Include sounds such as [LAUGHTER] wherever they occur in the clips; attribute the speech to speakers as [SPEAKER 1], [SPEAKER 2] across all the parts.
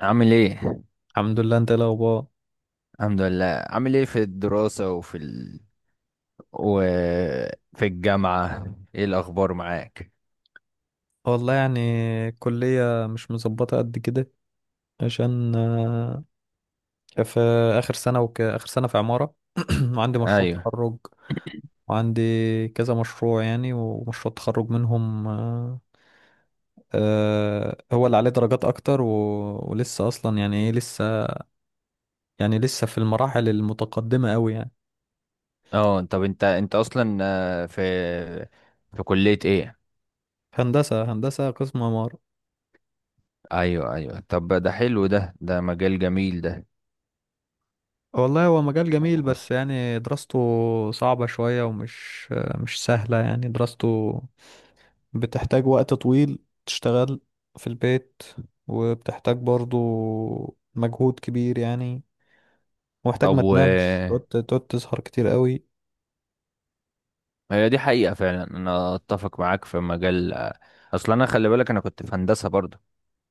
[SPEAKER 1] عامل ايه؟
[SPEAKER 2] الحمد لله. انت ايه الاخبار؟
[SPEAKER 1] الحمد لله. عامل ايه في الدراسة وفي الجامعة؟ ايه الاخبار معاك؟
[SPEAKER 2] والله، يعني الكلية مش مظبطة قد كده عشان في آخر سنة في عمارة [CLEARS THROAT] وعندي مشروع
[SPEAKER 1] ايوه.
[SPEAKER 2] تخرج. وعندي كذا مشروع يعني، ومشروع تخرج منهم، هو اللي عليه درجات أكتر ولسه أصلا، يعني إيه لسه، يعني لسه في المراحل المتقدمة أوي يعني.
[SPEAKER 1] اه، طب انت اصلا، في كلية ايه؟
[SPEAKER 2] هندسة، هندسة قسم عمارة.
[SPEAKER 1] ايوه ايوه، طب ده حلو، ده مجال جميل ده.
[SPEAKER 2] والله هو مجال جميل، بس يعني دراسته صعبة شوية، ومش آه، مش سهلة يعني. دراسته بتحتاج وقت طويل، تشتغل في البيت، وبتحتاج برضو مجهود كبير يعني، ومحتاج
[SPEAKER 1] طب
[SPEAKER 2] ما
[SPEAKER 1] و
[SPEAKER 2] تنامش، تقعد تسهر كتير قوي.
[SPEAKER 1] هي دي حقيقة فعلا، انا اتفق معاك في مجال. اصلا انا خلي بالك، انا كنت في هندسة برضه،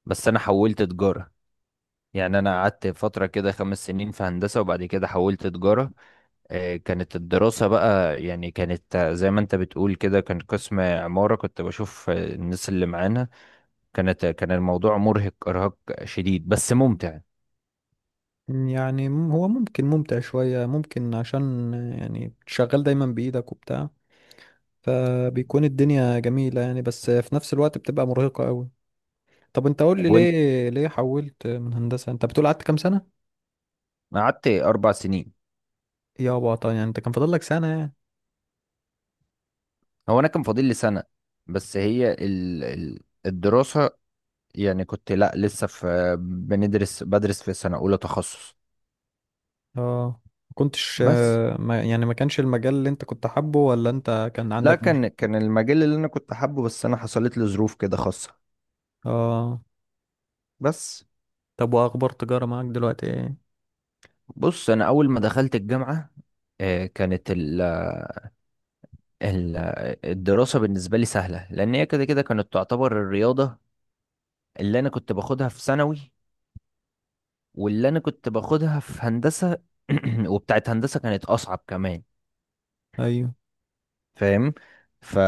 [SPEAKER 1] بس انا حولت تجارة. يعني انا قعدت فترة كده 5 سنين في هندسة، وبعد كده حولت تجارة. كانت الدراسة بقى يعني، كانت آه، زي ما انت بتقول كده، كان قسم عمارة. كنت بشوف الناس اللي معانا، كان الموضوع مرهق إرهاق شديد، بس ممتع.
[SPEAKER 2] يعني هو ممكن ممتع شوية، ممكن عشان يعني شغال دايما بإيدك وبتاع، فبيكون الدنيا جميلة يعني، بس في نفس الوقت بتبقى مرهقة قوي. طب انت قول لي،
[SPEAKER 1] طب وانت،
[SPEAKER 2] ليه حولت من هندسة؟ انت بتقول قعدت كام سنة؟
[SPEAKER 1] قعدت 4 سنين.
[SPEAKER 2] يابا طبعا، يعني انت كان فاضل لك سنة يعني.
[SPEAKER 1] هو أنا كان فاضل لي سنة، بس الدراسة، يعني كنت، لا لسه في، بدرس في سنة أولى تخصص.
[SPEAKER 2] اه، ما كنتش
[SPEAKER 1] بس
[SPEAKER 2] ما يعني ما كانش المجال اللي انت كنت حابه، ولا انت كان
[SPEAKER 1] لا،
[SPEAKER 2] عندك مش...
[SPEAKER 1] كان المجال اللي أنا كنت حابه، بس أنا حصلت لي ظروف كده خاصة.
[SPEAKER 2] اه.
[SPEAKER 1] بس
[SPEAKER 2] طب واخبار تجارة معاك دلوقتي ايه؟
[SPEAKER 1] بص، أنا أول ما دخلت الجامعة كانت ال- الدراسة بالنسبة لي سهلة، لأن هي كده كده كانت تعتبر الرياضة اللي أنا كنت باخدها في ثانوي، واللي أنا كنت باخدها في هندسة. [CLEARS THROAT] وبتاعت هندسة كانت أصعب كمان.
[SPEAKER 2] ايوه.
[SPEAKER 1] فاهم؟ ف...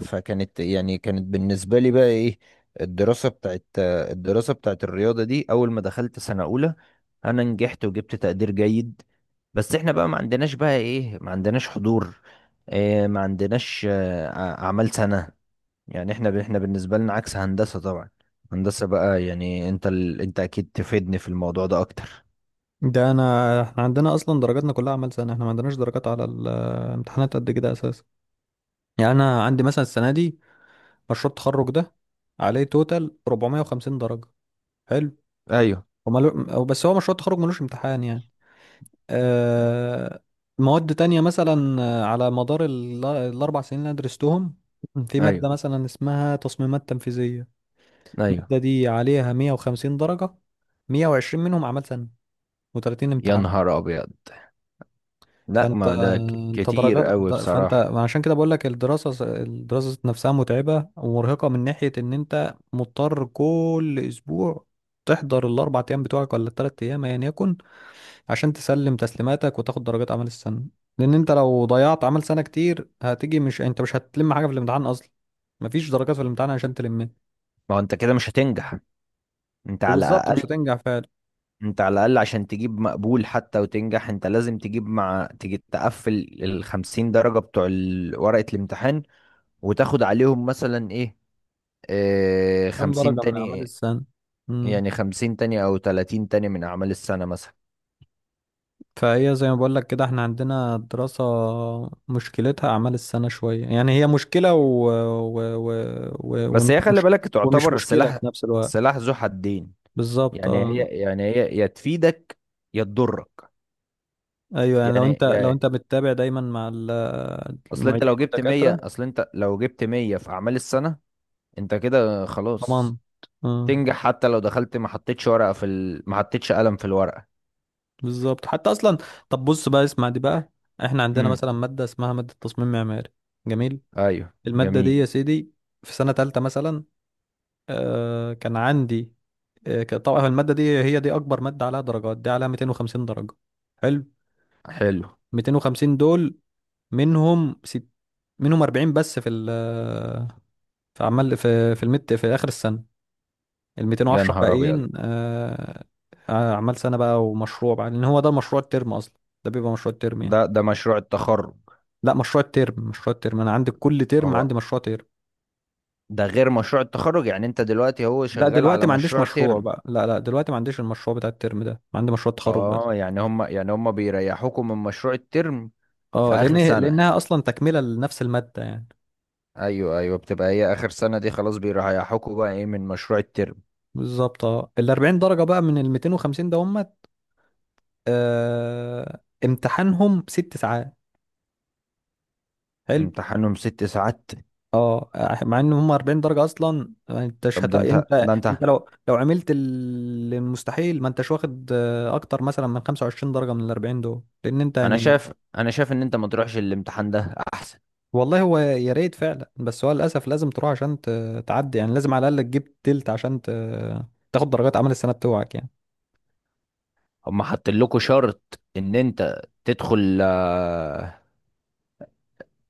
[SPEAKER 1] فكانت يعني، كانت بالنسبة لي بقى إيه، الدراسة بتاعت الرياضة دي. أول ما دخلت سنة أولى أنا نجحت وجبت تقدير جيد. بس إحنا بقى ما عندناش حضور، إيه، ما عندناش آه، أعمال سنة. يعني احنا، احنا بالنسبة لنا عكس هندسة طبعا. هندسة بقى يعني، انت اكيد تفيدني في الموضوع ده اكتر.
[SPEAKER 2] ده انا، احنا عندنا اصلا درجاتنا كلها اعمال سنة، احنا ما عندناش درجات على الامتحانات قد كده اساسا. يعني انا عندي مثلا السنة دي مشروع التخرج ده عليه توتال 450 درجة. حلو.
[SPEAKER 1] ايوه،
[SPEAKER 2] ومالو... أو بس هو مشروع التخرج ملوش امتحان يعني. آه، مواد تانية مثلا على مدار الأربع سنين اللي أنا درستهم، في مادة
[SPEAKER 1] ايوه،
[SPEAKER 2] مثلا اسمها تصميمات تنفيذية.
[SPEAKER 1] ايوه.
[SPEAKER 2] المادة دي عليها 150 درجة، 120 منهم عمل سنة، و30
[SPEAKER 1] يا
[SPEAKER 2] امتحان.
[SPEAKER 1] نهار ابيض! لا،
[SPEAKER 2] فأنت
[SPEAKER 1] ما ده
[SPEAKER 2] أنت
[SPEAKER 1] كتير
[SPEAKER 2] درجات
[SPEAKER 1] قوي
[SPEAKER 2] د- فأنت
[SPEAKER 1] بصراحة.
[SPEAKER 2] عشان كده بقول لك، الدراسة نفسها متعبة ومرهقة من ناحية إن أنت مضطر كل أسبوع تحضر الأربع أيام بتوعك، ولا التلات أيام أيا يكن، عشان تسلم تسليماتك وتاخد درجات اعمال السنه. لان انت لو ضيعت عمل سنه كتير هتيجي، مش هتلم حاجه في الامتحان اصلا. مفيش درجات في الامتحان عشان تلمها.
[SPEAKER 1] ما هو انت كده مش هتنجح. انت على
[SPEAKER 2] وبالظبط
[SPEAKER 1] الاقل،
[SPEAKER 2] مش هتنجح فعلا.
[SPEAKER 1] انت على الاقل عشان تجيب مقبول حتى وتنجح، انت لازم تجيب مع تجي تقفل ال 50 درجة بتوع ورقة الامتحان، وتاخد عليهم مثلا ايه، آه،
[SPEAKER 2] كام
[SPEAKER 1] 50
[SPEAKER 2] درجه من اعمال
[SPEAKER 1] تاني.
[SPEAKER 2] السنه؟ امم.
[SPEAKER 1] يعني 50 تاني او 30 تاني من اعمال السنة مثلا.
[SPEAKER 2] فهي زي ما بقول لك كده، احنا عندنا الدراسه مشكلتها اعمال السنه شويه يعني، هي مشكله و... و... و... و...
[SPEAKER 1] بس
[SPEAKER 2] ومش
[SPEAKER 1] هي خلي
[SPEAKER 2] مش...
[SPEAKER 1] بالك،
[SPEAKER 2] ومش
[SPEAKER 1] تعتبر
[SPEAKER 2] مشكله
[SPEAKER 1] سلاح،
[SPEAKER 2] في نفس الوقت.
[SPEAKER 1] سلاح ذو حدين.
[SPEAKER 2] بالظبط،
[SPEAKER 1] يعني هي،
[SPEAKER 2] اه.
[SPEAKER 1] هي يا تفيدك يا تضرك.
[SPEAKER 2] ايوه، يعني لو انت
[SPEAKER 1] يعني
[SPEAKER 2] لو
[SPEAKER 1] يا
[SPEAKER 2] انت بتتابع دايما مع
[SPEAKER 1] اصل انت
[SPEAKER 2] المعيدين
[SPEAKER 1] لو جبت 100،
[SPEAKER 2] والدكاتره،
[SPEAKER 1] اصل انت لو جبت 100 في اعمال السنة، انت كده
[SPEAKER 2] ضمان.
[SPEAKER 1] خلاص.
[SPEAKER 2] اه،
[SPEAKER 1] تنجح حتى لو دخلت، ما حطيتش ورقة في ال... ما حطيتش قلم في الورقة.
[SPEAKER 2] بالظبط حتى اصلا. طب بص بقى، اسمع دي بقى. احنا عندنا
[SPEAKER 1] امم.
[SPEAKER 2] مثلا ماده اسمها ماده تصميم معماري. جميل.
[SPEAKER 1] ايوه،
[SPEAKER 2] الماده دي
[SPEAKER 1] جميل.
[SPEAKER 2] يا سيدي، في سنه تالتة مثلا، كان عندي، طبعا الماده دي هي دي اكبر ماده عليها درجات، دي عليها 250 درجه. حلو.
[SPEAKER 1] حلو.
[SPEAKER 2] 250 دول منهم ست منهم 40 بس في ال في عمال في في المت في اخر السنه، ال
[SPEAKER 1] يا
[SPEAKER 2] 210
[SPEAKER 1] نهار ابيض!
[SPEAKER 2] باقيين آه. اعمال سنه بقى ومشروع بقى، لان هو ده مشروع الترم اصلا. ده بيبقى مشروع الترم يعني.
[SPEAKER 1] ده مشروع التخرج.
[SPEAKER 2] لا، مشروع الترم، انا عندي كل ترم
[SPEAKER 1] هو
[SPEAKER 2] عندي مشروع ترم.
[SPEAKER 1] ده غير مشروع التخرج؟ يعني انت دلوقتي هو
[SPEAKER 2] لا
[SPEAKER 1] شغال
[SPEAKER 2] دلوقتي
[SPEAKER 1] على
[SPEAKER 2] ما عنديش
[SPEAKER 1] مشروع
[SPEAKER 2] مشروع
[SPEAKER 1] ترم.
[SPEAKER 2] بقى، لا لا، دلوقتي ما عنديش المشروع بتاع الترم ده، عندي مشروع تخرج بس.
[SPEAKER 1] اه. يعني هم، هم بيريحوكم من مشروع الترم في
[SPEAKER 2] اه،
[SPEAKER 1] اخر سنة.
[SPEAKER 2] لانها اصلا تكمله لنفس الماده يعني.
[SPEAKER 1] ايوه ايوه، بتبقى هي اخر سنة دي، خلاص بيريحوكوا بقى ايه من مشروع الترم.
[SPEAKER 2] بالظبط اه. ال 40 درجه بقى من ال 250، ده هم امتحانهم ست ساعات. حلو.
[SPEAKER 1] امتحانهم 6 ساعات!
[SPEAKER 2] اه، مع ان هم 40 درجه اصلا، ما انتش
[SPEAKER 1] طب
[SPEAKER 2] هت...
[SPEAKER 1] ده انت،
[SPEAKER 2] انت
[SPEAKER 1] ده
[SPEAKER 2] انت
[SPEAKER 1] انت،
[SPEAKER 2] لو عملت المستحيل ما انتش واخد اكتر مثلا من 25 درجه من ال 40 دول، لان انت
[SPEAKER 1] انا
[SPEAKER 2] يعني.
[SPEAKER 1] شايف، انا شايف ان انت ما تروحش الامتحان ده احسن.
[SPEAKER 2] والله هو يا ريت فعلا، بس هو للاسف لازم تروح عشان تعدي يعني. لازم على الاقل تجيب تلت عشان تاخد درجات عمل السنه بتوعك يعني.
[SPEAKER 1] هم حاطين لكم شرط ان انت تدخل،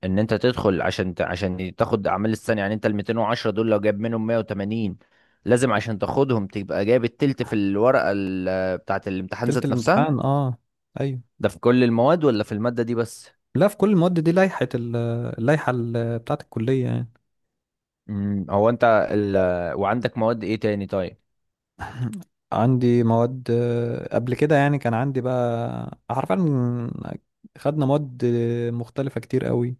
[SPEAKER 1] ان انت تدخل عشان عشان تاخد اعمال السنة. يعني انت ال 210 دول، لو جايب منهم 180، لازم عشان تاخدهم تبقى جايب التلت في الورقة بتاعة الامتحان
[SPEAKER 2] تلت
[SPEAKER 1] ذات نفسها.
[SPEAKER 2] الامتحان، اه. ايوه.
[SPEAKER 1] ده في كل المواد ولا في المادة دي بس؟
[SPEAKER 2] لا، في كل المواد، دي لائحه ال- اللائحه بتاعه الكليه يعني.
[SPEAKER 1] امم. وعندك مواد ايه تاني طيب؟
[SPEAKER 2] عندي مواد قبل كده، يعني كان عندي بقى حرفيا، خدنا مواد مختلفه كتير قوي.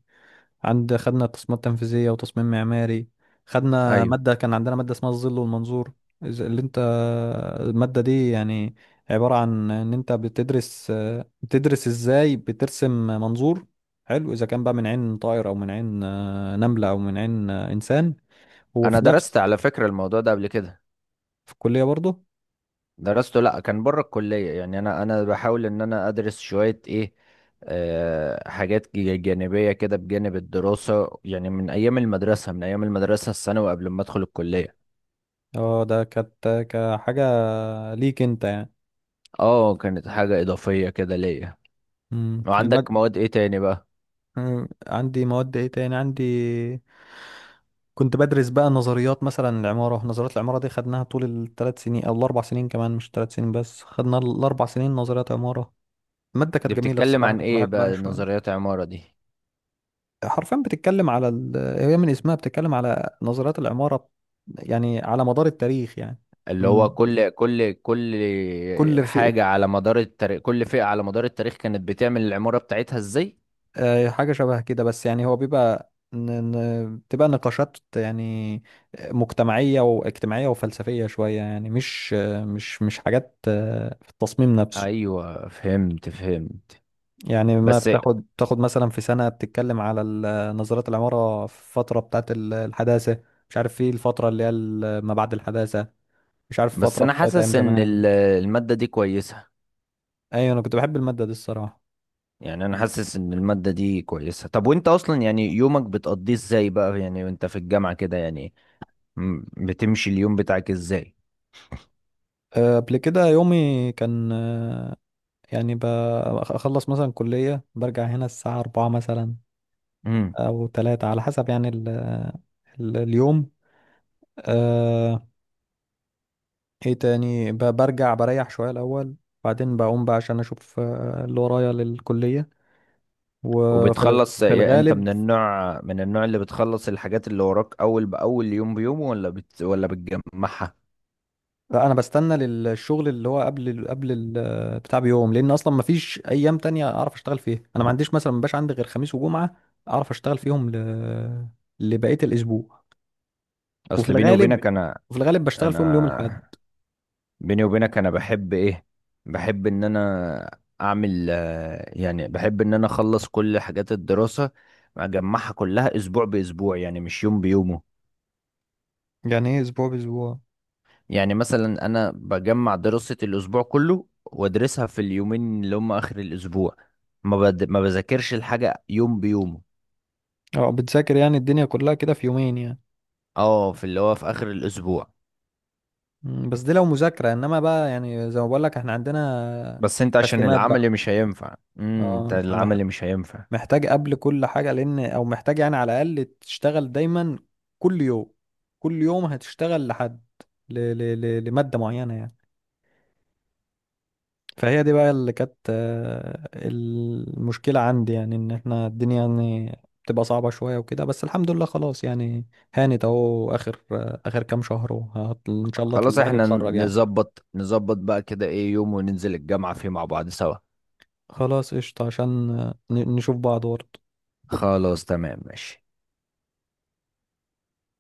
[SPEAKER 2] خدنا تصميمات تنفيذية وتصميم معماري، خدنا
[SPEAKER 1] ايوه.
[SPEAKER 2] مادة كان عندنا مادة اسمها الظل والمنظور. إذا- اللي انت المادة دي يعني عبارة عن ان انت بتدرس، ازاي بترسم منظور. حلو، اذا كان بقى من عين طائر، او من عين نملة، او من عين انسان. هو
[SPEAKER 1] انا
[SPEAKER 2] في نفس.
[SPEAKER 1] درست على فكرة الموضوع ده قبل كده.
[SPEAKER 2] في الكلية برضه.
[SPEAKER 1] درسته، لا كان بره الكلية. يعني انا، بحاول ان انا ادرس شوية ايه، آه، حاجات جانبية كده بجانب الدراسة، يعني من ايام المدرسة، الثانوي قبل ما ادخل الكلية.
[SPEAKER 2] اه، ده كانت كحاجة ليك انت يعني.
[SPEAKER 1] اه، كانت حاجة اضافية كده ليا.
[SPEAKER 2] مم.
[SPEAKER 1] وعندك
[SPEAKER 2] المادة.
[SPEAKER 1] مواد ايه تاني بقى؟
[SPEAKER 2] عندي مواد ايه تاني؟ كنت بدرس بقى نظريات مثلا، العمارة، نظريات العمارة دي خدناها طول الثلاث سنين، أو الأربع سنين كمان، مش ثلاث سنين بس، خدنا الأربع سنين نظريات عمارة. المادة كانت
[SPEAKER 1] دي
[SPEAKER 2] جميلة
[SPEAKER 1] بتتكلم
[SPEAKER 2] الصراحة،
[SPEAKER 1] عن
[SPEAKER 2] كنت
[SPEAKER 1] ايه
[SPEAKER 2] بحبها
[SPEAKER 1] بقى
[SPEAKER 2] شوية.
[SPEAKER 1] نظريات عمارة دي؟
[SPEAKER 2] حرفيا بتتكلم على هي من اسمها بتتكلم على نظريات العمارة، يعني على مدار التاريخ يعني.
[SPEAKER 1] اللي
[SPEAKER 2] من
[SPEAKER 1] هو كل
[SPEAKER 2] كل في
[SPEAKER 1] حاجة على مدار التاريخ، كل فئة على مدار التاريخ كانت بتعمل العمارة بتاعتها ازاي.
[SPEAKER 2] آه، حاجة شبه كده، بس يعني هو بيبقى بتبقى نقاشات يعني، مجتمعية واجتماعية وفلسفية شوية يعني، مش مش حاجات في التصميم نفسه.
[SPEAKER 1] ايوه، فهمت فهمت.
[SPEAKER 2] يعني ما
[SPEAKER 1] بس،
[SPEAKER 2] بتاخد، مثلا في سنة بتتكلم على نظريات العمارة في الفترة بتاعت الحداثة، مش عارف، في الفترة اللي هي ما بعد الحداثة، مش عارف
[SPEAKER 1] بس
[SPEAKER 2] الفترة
[SPEAKER 1] انا
[SPEAKER 2] بتاعت أيام
[SPEAKER 1] حاسس ان
[SPEAKER 2] زمان.
[SPEAKER 1] المادة دي كويسة.
[SPEAKER 2] أيوة، أنا كنت بحب المادة دي الصراحة.
[SPEAKER 1] يعني انا حاسس ان المادة دي كويسة. طب وانت اصلا يعني، يومك بتقضيه ازاي بقى يعني وانت في الجامعة كده يعني، بتمشي اليوم بتاعك ازاي؟
[SPEAKER 2] قبل كده يومي كان، يعني أخلص مثلا كلية برجع هنا الساعة أربعة مثلا،
[SPEAKER 1] امم.
[SPEAKER 2] أو تلاتة على حسب يعني، ال اليوم. آه، إيه تاني؟ برجع بريح شوية الأول، بعدين بقوم بقى عشان أشوف اللي ورايا للكلية. وفي الغ-
[SPEAKER 1] وبتخلص
[SPEAKER 2] في
[SPEAKER 1] يعني؟ انت
[SPEAKER 2] الغالب
[SPEAKER 1] من النوع، اللي بتخلص الحاجات اللي وراك اول باول يوم بيوم، ولا بتجمعها؟
[SPEAKER 2] انا بستنى للشغل اللي هو قبل بتاع بيوم، لان اصلا ما فيش ايام تانية اعرف اشتغل فيها. انا ما عنديش مثلا، ما بقاش عندي غير خميس وجمعة اعرف اشتغل فيهم لبقية الاسبوع. وفي
[SPEAKER 1] اصل بيني
[SPEAKER 2] الغالب
[SPEAKER 1] وبينك انا،
[SPEAKER 2] وفي الغالب بشتغل فيهم اليوم الاحد.
[SPEAKER 1] انا بيني وبينك انا بحب ايه، بحب ان انا اعمل، يعني بحب ان انا اخلص كل حاجات الدراسة، اجمعها كلها اسبوع باسبوع، يعني مش يوم بيومه.
[SPEAKER 2] يعني ايه اسبوع باسبوع؟
[SPEAKER 1] يعني مثلا انا بجمع دراسة الاسبوع كله وادرسها في اليومين اللي هم اخر الاسبوع. ما بذاكرش الحاجة يوم بيومه.
[SPEAKER 2] اه، بتذاكر يعني الدنيا كلها كده في يومين يعني.
[SPEAKER 1] اه، في اللي هو في اخر الاسبوع.
[SPEAKER 2] بس دي لو مذاكرة، انما بقى يعني زي ما بقول لك احنا عندنا
[SPEAKER 1] بس انت عشان
[SPEAKER 2] تسليمات بقى.
[SPEAKER 1] العمل مش هينفع،
[SPEAKER 2] اه،
[SPEAKER 1] انت
[SPEAKER 2] انت
[SPEAKER 1] العمل مش هينفع.
[SPEAKER 2] محتاج قبل كل حاجة، لأن أو محتاج يعني على الأقل تشتغل دايما كل يوم. كل يوم هتشتغل لحد لمادة معينة يعني. فهي دي بقى اللي كانت المشكلة عندي، يعني إن إحنا الدنيا يعني بتبقى صعبة شوية وكده، بس الحمد لله خلاص يعني، هانت أهو. آخر كام شهر إن شاء الله
[SPEAKER 1] خلاص
[SPEAKER 2] الواحد
[SPEAKER 1] احنا، ن-
[SPEAKER 2] يتخرج يعني.
[SPEAKER 1] نظبط نظبط بقى كده ايه يوم وننزل الجامعة فيه مع بعض سوا.
[SPEAKER 2] خلاص قشطة، عشان نشوف بعض ورا.
[SPEAKER 1] خلاص، تمام، ماشي.